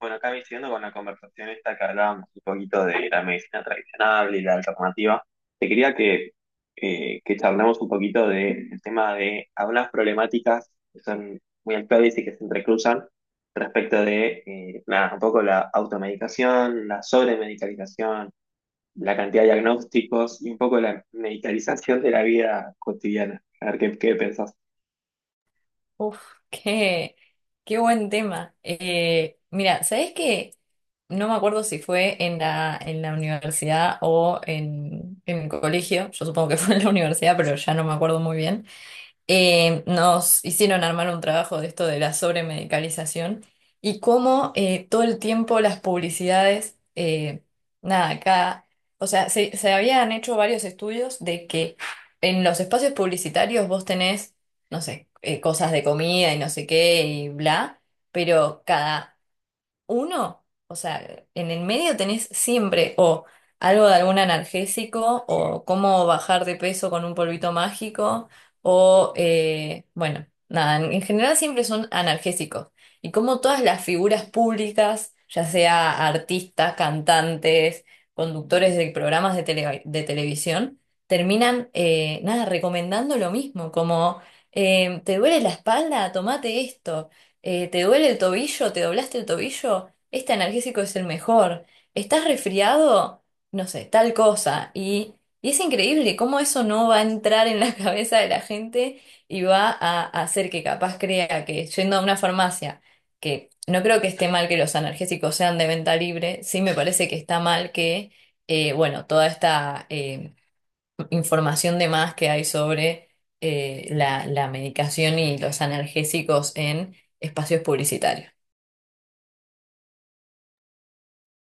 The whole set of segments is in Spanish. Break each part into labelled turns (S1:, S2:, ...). S1: Bueno, acá me siguiendo con la conversación esta que hablábamos un poquito de la medicina tradicional y la alternativa, te quería que charlemos un poquito del tema de algunas problemáticas que son muy actuales y que se entrecruzan respecto de nada, un poco la automedicación, la sobremedicalización, la cantidad de diagnósticos y un poco la medicalización de la vida cotidiana. A ver qué, qué pensás.
S2: Uf, qué, qué buen tema. Mira, ¿sabés qué? No me acuerdo si fue en la universidad o en el colegio. Yo supongo que fue en la universidad, pero ya no me acuerdo muy bien. Nos hicieron armar un trabajo de esto de la sobremedicalización y cómo todo el tiempo las publicidades, nada, acá, o sea, se habían hecho varios estudios de que en los espacios publicitarios vos tenés, no sé, cosas de comida y no sé qué y bla, pero cada uno, o sea, en el medio tenés siempre o algo de algún analgésico o cómo bajar de peso con un polvito mágico o, bueno, nada, en general siempre son analgésicos. Y como todas las figuras públicas, ya sea artistas, cantantes, conductores de programas de, de televisión, terminan, nada, recomendando lo mismo, como, ¿te duele la espalda? Tomate esto. ¿Te duele el tobillo? ¿Te doblaste el tobillo? Este analgésico es el mejor. ¿Estás resfriado? No sé, tal cosa. Y es increíble cómo eso no va a entrar en la cabeza de la gente y va a hacer que capaz crea que yendo a una farmacia, que no creo que esté mal que los analgésicos sean de venta libre, sí me parece que está mal que, bueno, toda esta información de más que hay sobre la medicación y los analgésicos en espacios publicitarios.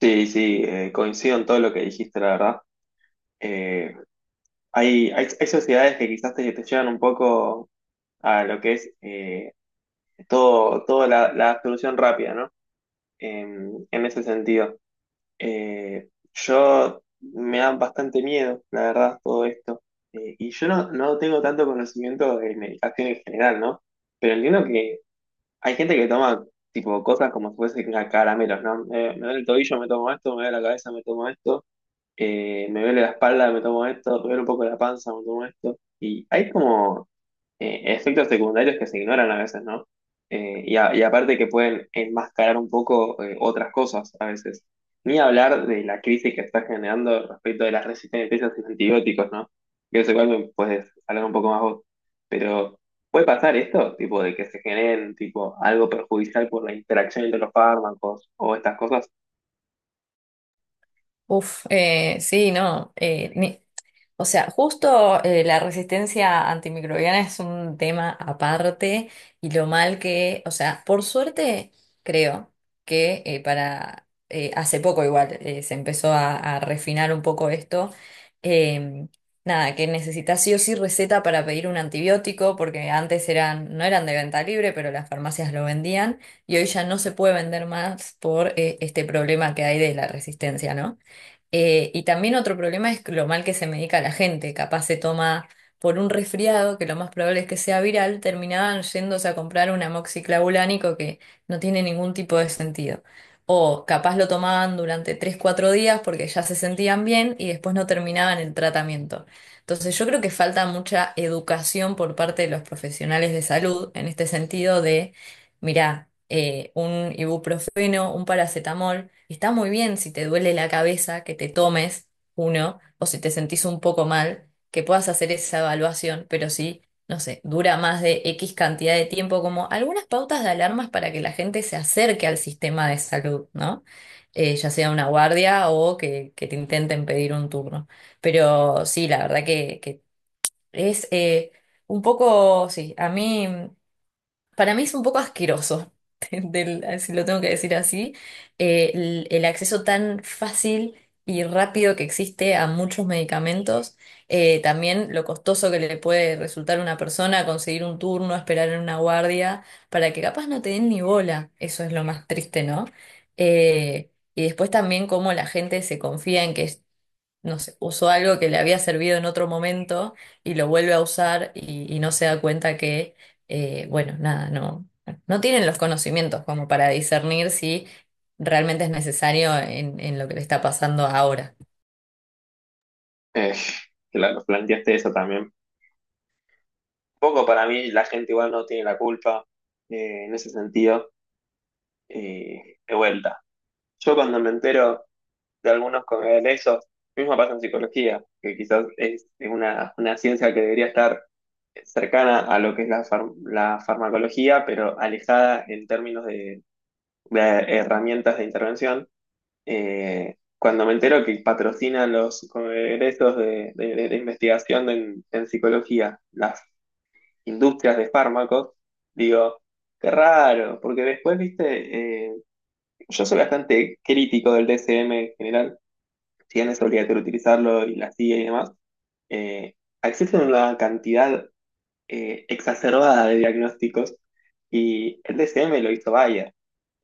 S1: Sí, sí, coincido en todo lo que dijiste, la verdad. Eh, hay sociedades que quizás te, te llevan un poco a lo que es todo, toda la, la solución rápida, ¿no? En ese sentido. Eh, yo me da bastante miedo, la verdad, todo esto. Y yo no, no tengo tanto conocimiento de medicación en general, ¿no? Pero entiendo que hay gente que toma tipo cosas como si fuesen caramelos, ¿no? Me duele el tobillo, me tomo esto, me duele la cabeza, me tomo esto me duele la espalda, me tomo esto, me duele un poco la panza, me tomo esto. Y hay como efectos secundarios que se ignoran a veces, ¿no? Y aparte que pueden enmascarar un poco otras cosas a veces. Ni hablar de la crisis que está generando respecto de las resistencias a los antibióticos, ¿no? Que eso igual me puedes hablar un poco más vos. Pero puede pasar esto, tipo, de que se generen tipo algo perjudicial por la interacción entre los fármacos o estas cosas.
S2: Uf, sí, no. O sea, justo la resistencia antimicrobiana es un tema aparte y lo mal que, o sea, por suerte creo que para, hace poco igual se empezó a refinar un poco esto, eh, nada, que necesitas sí o sí receta para pedir un antibiótico porque antes eran, no eran de venta libre, pero las farmacias lo vendían y hoy ya no se puede vender más por este problema que hay de la resistencia, ¿no? Y también otro problema es lo mal que se medica la gente. Capaz se toma por un resfriado, que lo más probable es que sea viral, terminaban yéndose a comprar un amoxiclavulánico que no tiene ningún tipo de sentido. O capaz lo tomaban durante tres cuatro días porque ya se sentían bien y después no terminaban el tratamiento. Entonces yo creo que falta mucha educación por parte de los profesionales de salud en este sentido de mirá, un ibuprofeno, un paracetamol, está muy bien si te duele la cabeza que te tomes uno o si te sentís un poco mal, que puedas hacer esa evaluación, pero sí, no sé, dura más de X cantidad de tiempo, como algunas pautas de alarmas para que la gente se acerque al sistema de salud, ¿no? Ya sea una guardia o que te intenten pedir un turno. Pero sí, la verdad que es un poco, sí, a mí... Para mí es un poco asqueroso, si lo tengo que decir así, el acceso tan fácil y rápido que existe a muchos medicamentos, también lo costoso que le puede resultar a una persona conseguir un turno, esperar en una guardia, para que capaz no te den ni bola, eso es lo más triste, ¿no? Y después también cómo la gente se confía en que no sé, usó algo que le había servido en otro momento y lo vuelve a usar y no se da cuenta que, bueno, nada, no, no tienen los conocimientos como para discernir si realmente es necesario en lo que le está pasando ahora.
S1: Eh, claro, planteaste eso también. Poco para mí la gente igual no tiene la culpa en ese sentido. Eh, de vuelta. Yo cuando me entero de algunos de eso, mismo pasa en psicología, que quizás es una ciencia que debería estar cercana a lo que es la, la farmacología, pero alejada en términos de herramientas de intervención. Cuando me entero que patrocinan los congresos de, de investigación en psicología, la industrias de fármacos, digo, qué raro, porque después, viste, yo soy bastante crítico del DSM en general, si bien es obligatorio utilizarlo y la CIA y demás, eh, existe una cantidad exacerbada de diagnósticos y el DSM lo hizo Bayer.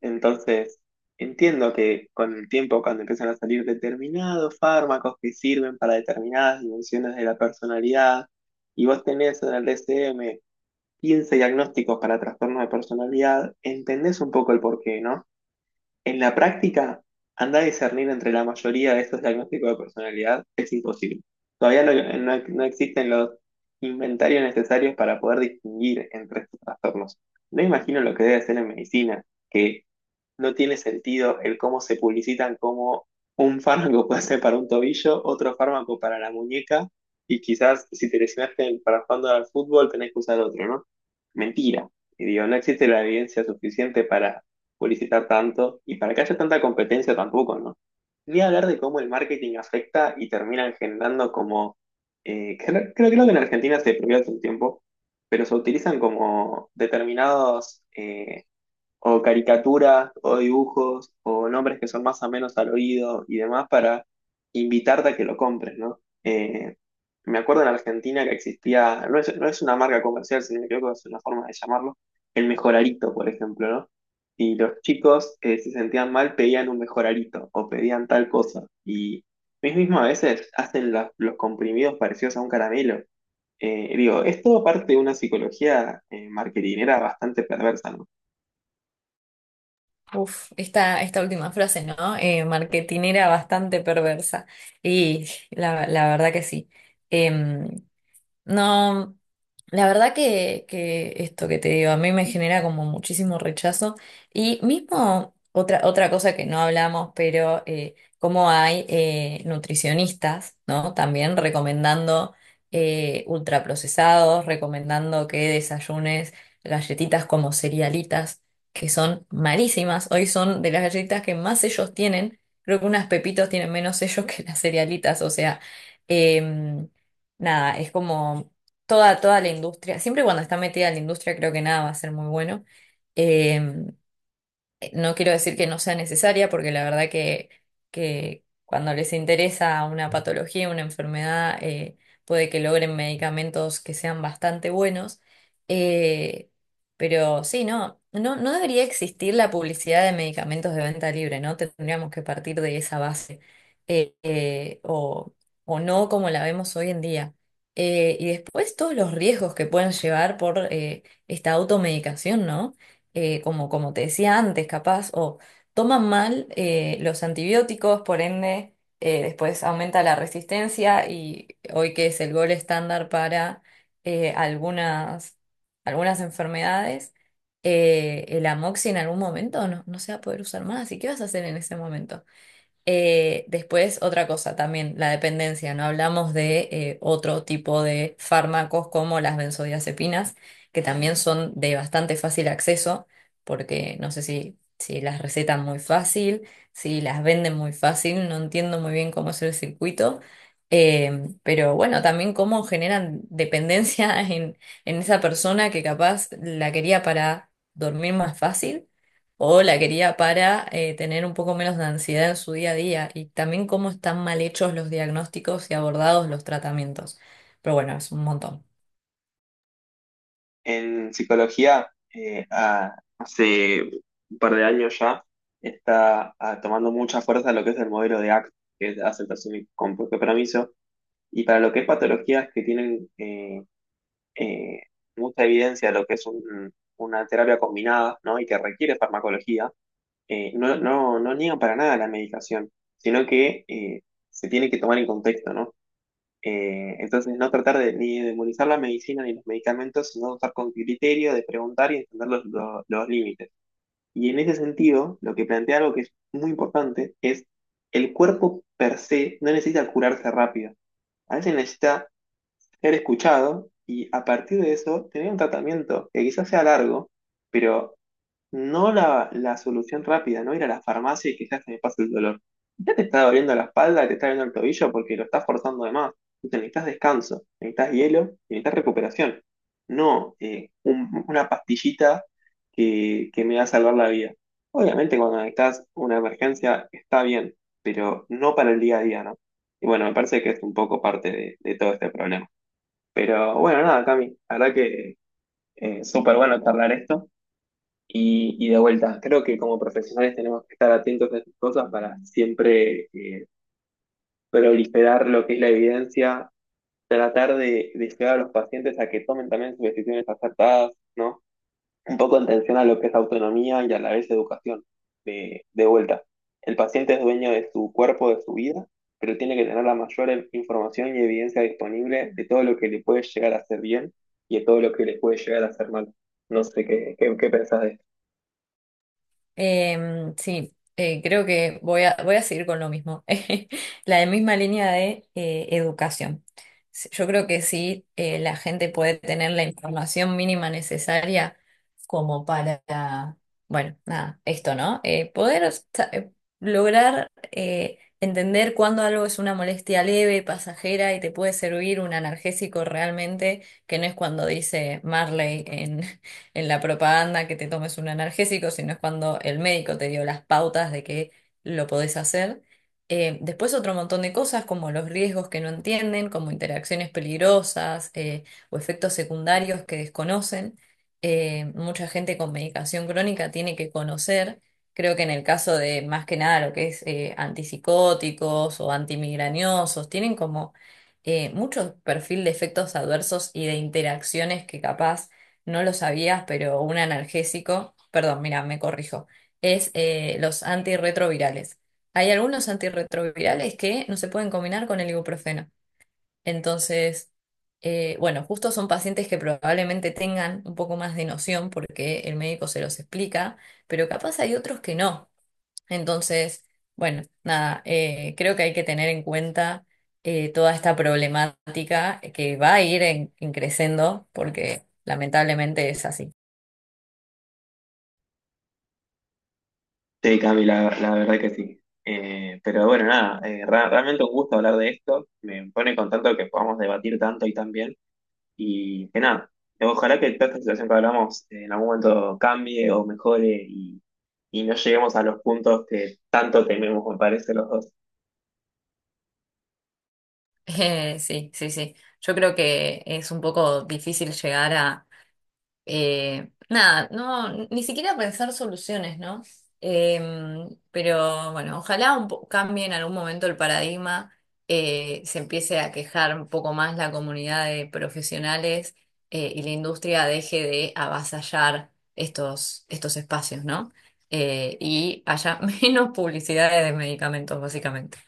S1: Entonces, entiendo que con el tiempo, cuando empiezan a salir determinados fármacos que sirven para determinadas dimensiones de la personalidad, y vos tenés en el DSM 15 diagnósticos para trastornos de personalidad, entendés un poco el porqué, ¿no? En la práctica, anda a discernir entre la mayoría de estos diagnósticos de personalidad es imposible. Todavía no, no existen los inventarios necesarios para poder distinguir entre estos trastornos. No imagino lo que debe ser en medicina, que no tiene sentido el cómo se publicitan como un fármaco puede ser para un tobillo, otro fármaco para la muñeca, y quizás si te lesionaste para jugando al fútbol tenés que usar otro, ¿no? Mentira. Y digo, no existe la evidencia suficiente para publicitar tanto y para que haya tanta competencia tampoco, ¿no? Ni hablar de cómo el marketing afecta y terminan generando como, creo, creo que en Argentina se prohibió hace un tiempo, pero se utilizan como determinados... o caricaturas o dibujos o nombres que son más o menos al oído y demás para invitarte a que lo compres, ¿no? Me acuerdo en Argentina que existía, no es, no es una marca comercial, si no me equivoco, es una forma de llamarlo, el mejorarito, por ejemplo, ¿no? Y los chicos se sentían mal, pedían un mejorarito o pedían tal cosa. Y ellos mismos a veces hacen los comprimidos parecidos a un caramelo. Digo, es todo parte de una psicología marketinera bastante perversa, ¿no?
S2: Uf, esta última frase, ¿no? Marketinera bastante perversa. Y la verdad que sí. Em, No, la verdad que esto que te digo, a mí me genera como muchísimo rechazo. Y mismo otra cosa que no hablamos, pero como hay nutricionistas, ¿no? También recomendando ultraprocesados, recomendando que desayunes galletitas como cerealitas, que son malísimas. Hoy son de las galletitas que más sellos tienen. Creo que unas pepitos tienen menos sellos que las cerealitas, o sea. em, Nada, es como toda la industria, siempre cuando está metida en la industria creo que nada va a ser muy bueno. Em, No quiero decir que no sea necesaria, porque la verdad que cuando les interesa una patología, una enfermedad, puede que logren medicamentos que sean bastante buenos. Eh, pero sí, no, no, no debería existir la publicidad de medicamentos de venta libre, ¿no? Tendríamos que partir de esa base. Eh, eh, o, o no como la vemos hoy en día. Y después todos los riesgos que pueden llevar por esta automedicación, ¿no? Como, como te decía antes, capaz, o toman mal los antibióticos, por ende, después aumenta la resistencia y hoy que es el gol estándar para algunas, algunas enfermedades, el amoxi en algún momento no, no se va a poder usar más. ¿Y qué vas a hacer en ese momento? Después, otra cosa también, la dependencia. No hablamos de otro tipo de fármacos como las benzodiazepinas, que también son de bastante fácil acceso, porque no sé si, si las recetan muy fácil, si las venden muy fácil, no entiendo muy bien cómo es el circuito. Pero bueno, también cómo generan dependencia en esa persona que capaz la quería para dormir más fácil o la quería para tener un poco menos de ansiedad en su día a día y también cómo están mal hechos los diagnósticos y abordados los tratamientos. Pero bueno, es un montón.
S1: En psicología, hace un par de años ya, está tomando mucha fuerza lo que es el modelo de ACT, que es aceptación y con propio permiso, y para lo que es patologías que tienen eh, mucha evidencia de lo que es una terapia combinada, ¿no? Y que requiere farmacología, no, no, no niegan para nada la medicación, sino que se tiene que tomar en contexto, ¿no? Entonces, no tratar de, ni de demonizar la medicina ni los medicamentos, sino usar con criterio, de preguntar y entender los, los límites. Y en ese sentido, lo que plantea algo que es muy importante es el cuerpo per se no necesita curarse rápido. A veces necesita ser escuchado y a partir de eso tener un tratamiento que quizás sea largo, pero no la, la solución rápida, no ir a la farmacia y quizás se me pase el dolor. Ya te está doliendo la espalda, te está doliendo el tobillo porque lo estás forzando de más. Entonces necesitas descanso, necesitas hielo, necesitas recuperación. No una pastillita que me va a salvar la vida. Obviamente cuando necesitas una emergencia está bien, pero no para el día a día, ¿no? Y bueno, me parece que es un poco parte de todo este problema. Pero bueno, nada, Cami, la verdad que súper bueno charlar esto. Y de vuelta, creo que como profesionales tenemos que estar atentos a esas cosas para siempre proliferar lo que es la evidencia, tratar de llevar a los pacientes a que tomen también sus decisiones acertadas, ¿no? Un poco en tensión a lo que es autonomía y a la vez educación. De vuelta, el paciente es dueño de su cuerpo, de su vida, pero tiene que tener la mayor información y evidencia disponible de todo lo que le puede llegar a hacer bien y de todo lo que le puede llegar a hacer mal. No sé qué, qué, qué pensás de
S2: Sí, creo que voy a, voy a seguir con lo mismo, la misma línea de educación. Yo creo que sí, la gente puede tener la información mínima necesaria como para, bueno, nada, esto, ¿no? Poder sa- lograr entender cuándo algo es una molestia leve, pasajera y te puede servir un analgésico realmente, que no es cuando dice Marley en la propaganda que te tomes un analgésico, sino es cuando el médico te dio las pautas de que lo podés hacer. Después otro montón de cosas como los riesgos que no entienden, como interacciones peligrosas o efectos secundarios que desconocen. Mucha gente con medicación crónica tiene que conocer. Creo que en el caso de más que nada lo que es antipsicóticos o antimigrañosos, tienen como mucho perfil de efectos adversos y de interacciones que capaz no lo sabías, pero un analgésico, perdón, mira, me corrijo, es los antirretrovirales. Hay algunos antirretrovirales que no se pueden combinar con el ibuprofeno. Entonces, bueno, justo son pacientes que probablemente tengan un poco más de noción porque el médico se los explica, pero capaz hay otros que no. Entonces, bueno, nada, creo que hay que tener en cuenta toda esta problemática que va a ir en creciendo porque lamentablemente es así.
S1: Sí, Cami, la verdad que sí. Pero bueno, nada, realmente un gusto hablar de esto. Me pone contento que podamos debatir tanto y tan bien. Y que nada, ojalá que toda esta situación que hablamos en algún momento cambie o mejore y no lleguemos a los puntos que tanto tememos, me parece, los dos.
S2: Sí, sí, sí. Yo creo que es un poco difícil llegar a, nada, no, ni siquiera pensar soluciones, ¿no? Pero bueno, ojalá cambie en algún momento el paradigma, se empiece a quejar un poco más la comunidad de profesionales, y la industria deje de avasallar estos espacios, ¿no? Y haya menos publicidades de medicamentos, básicamente.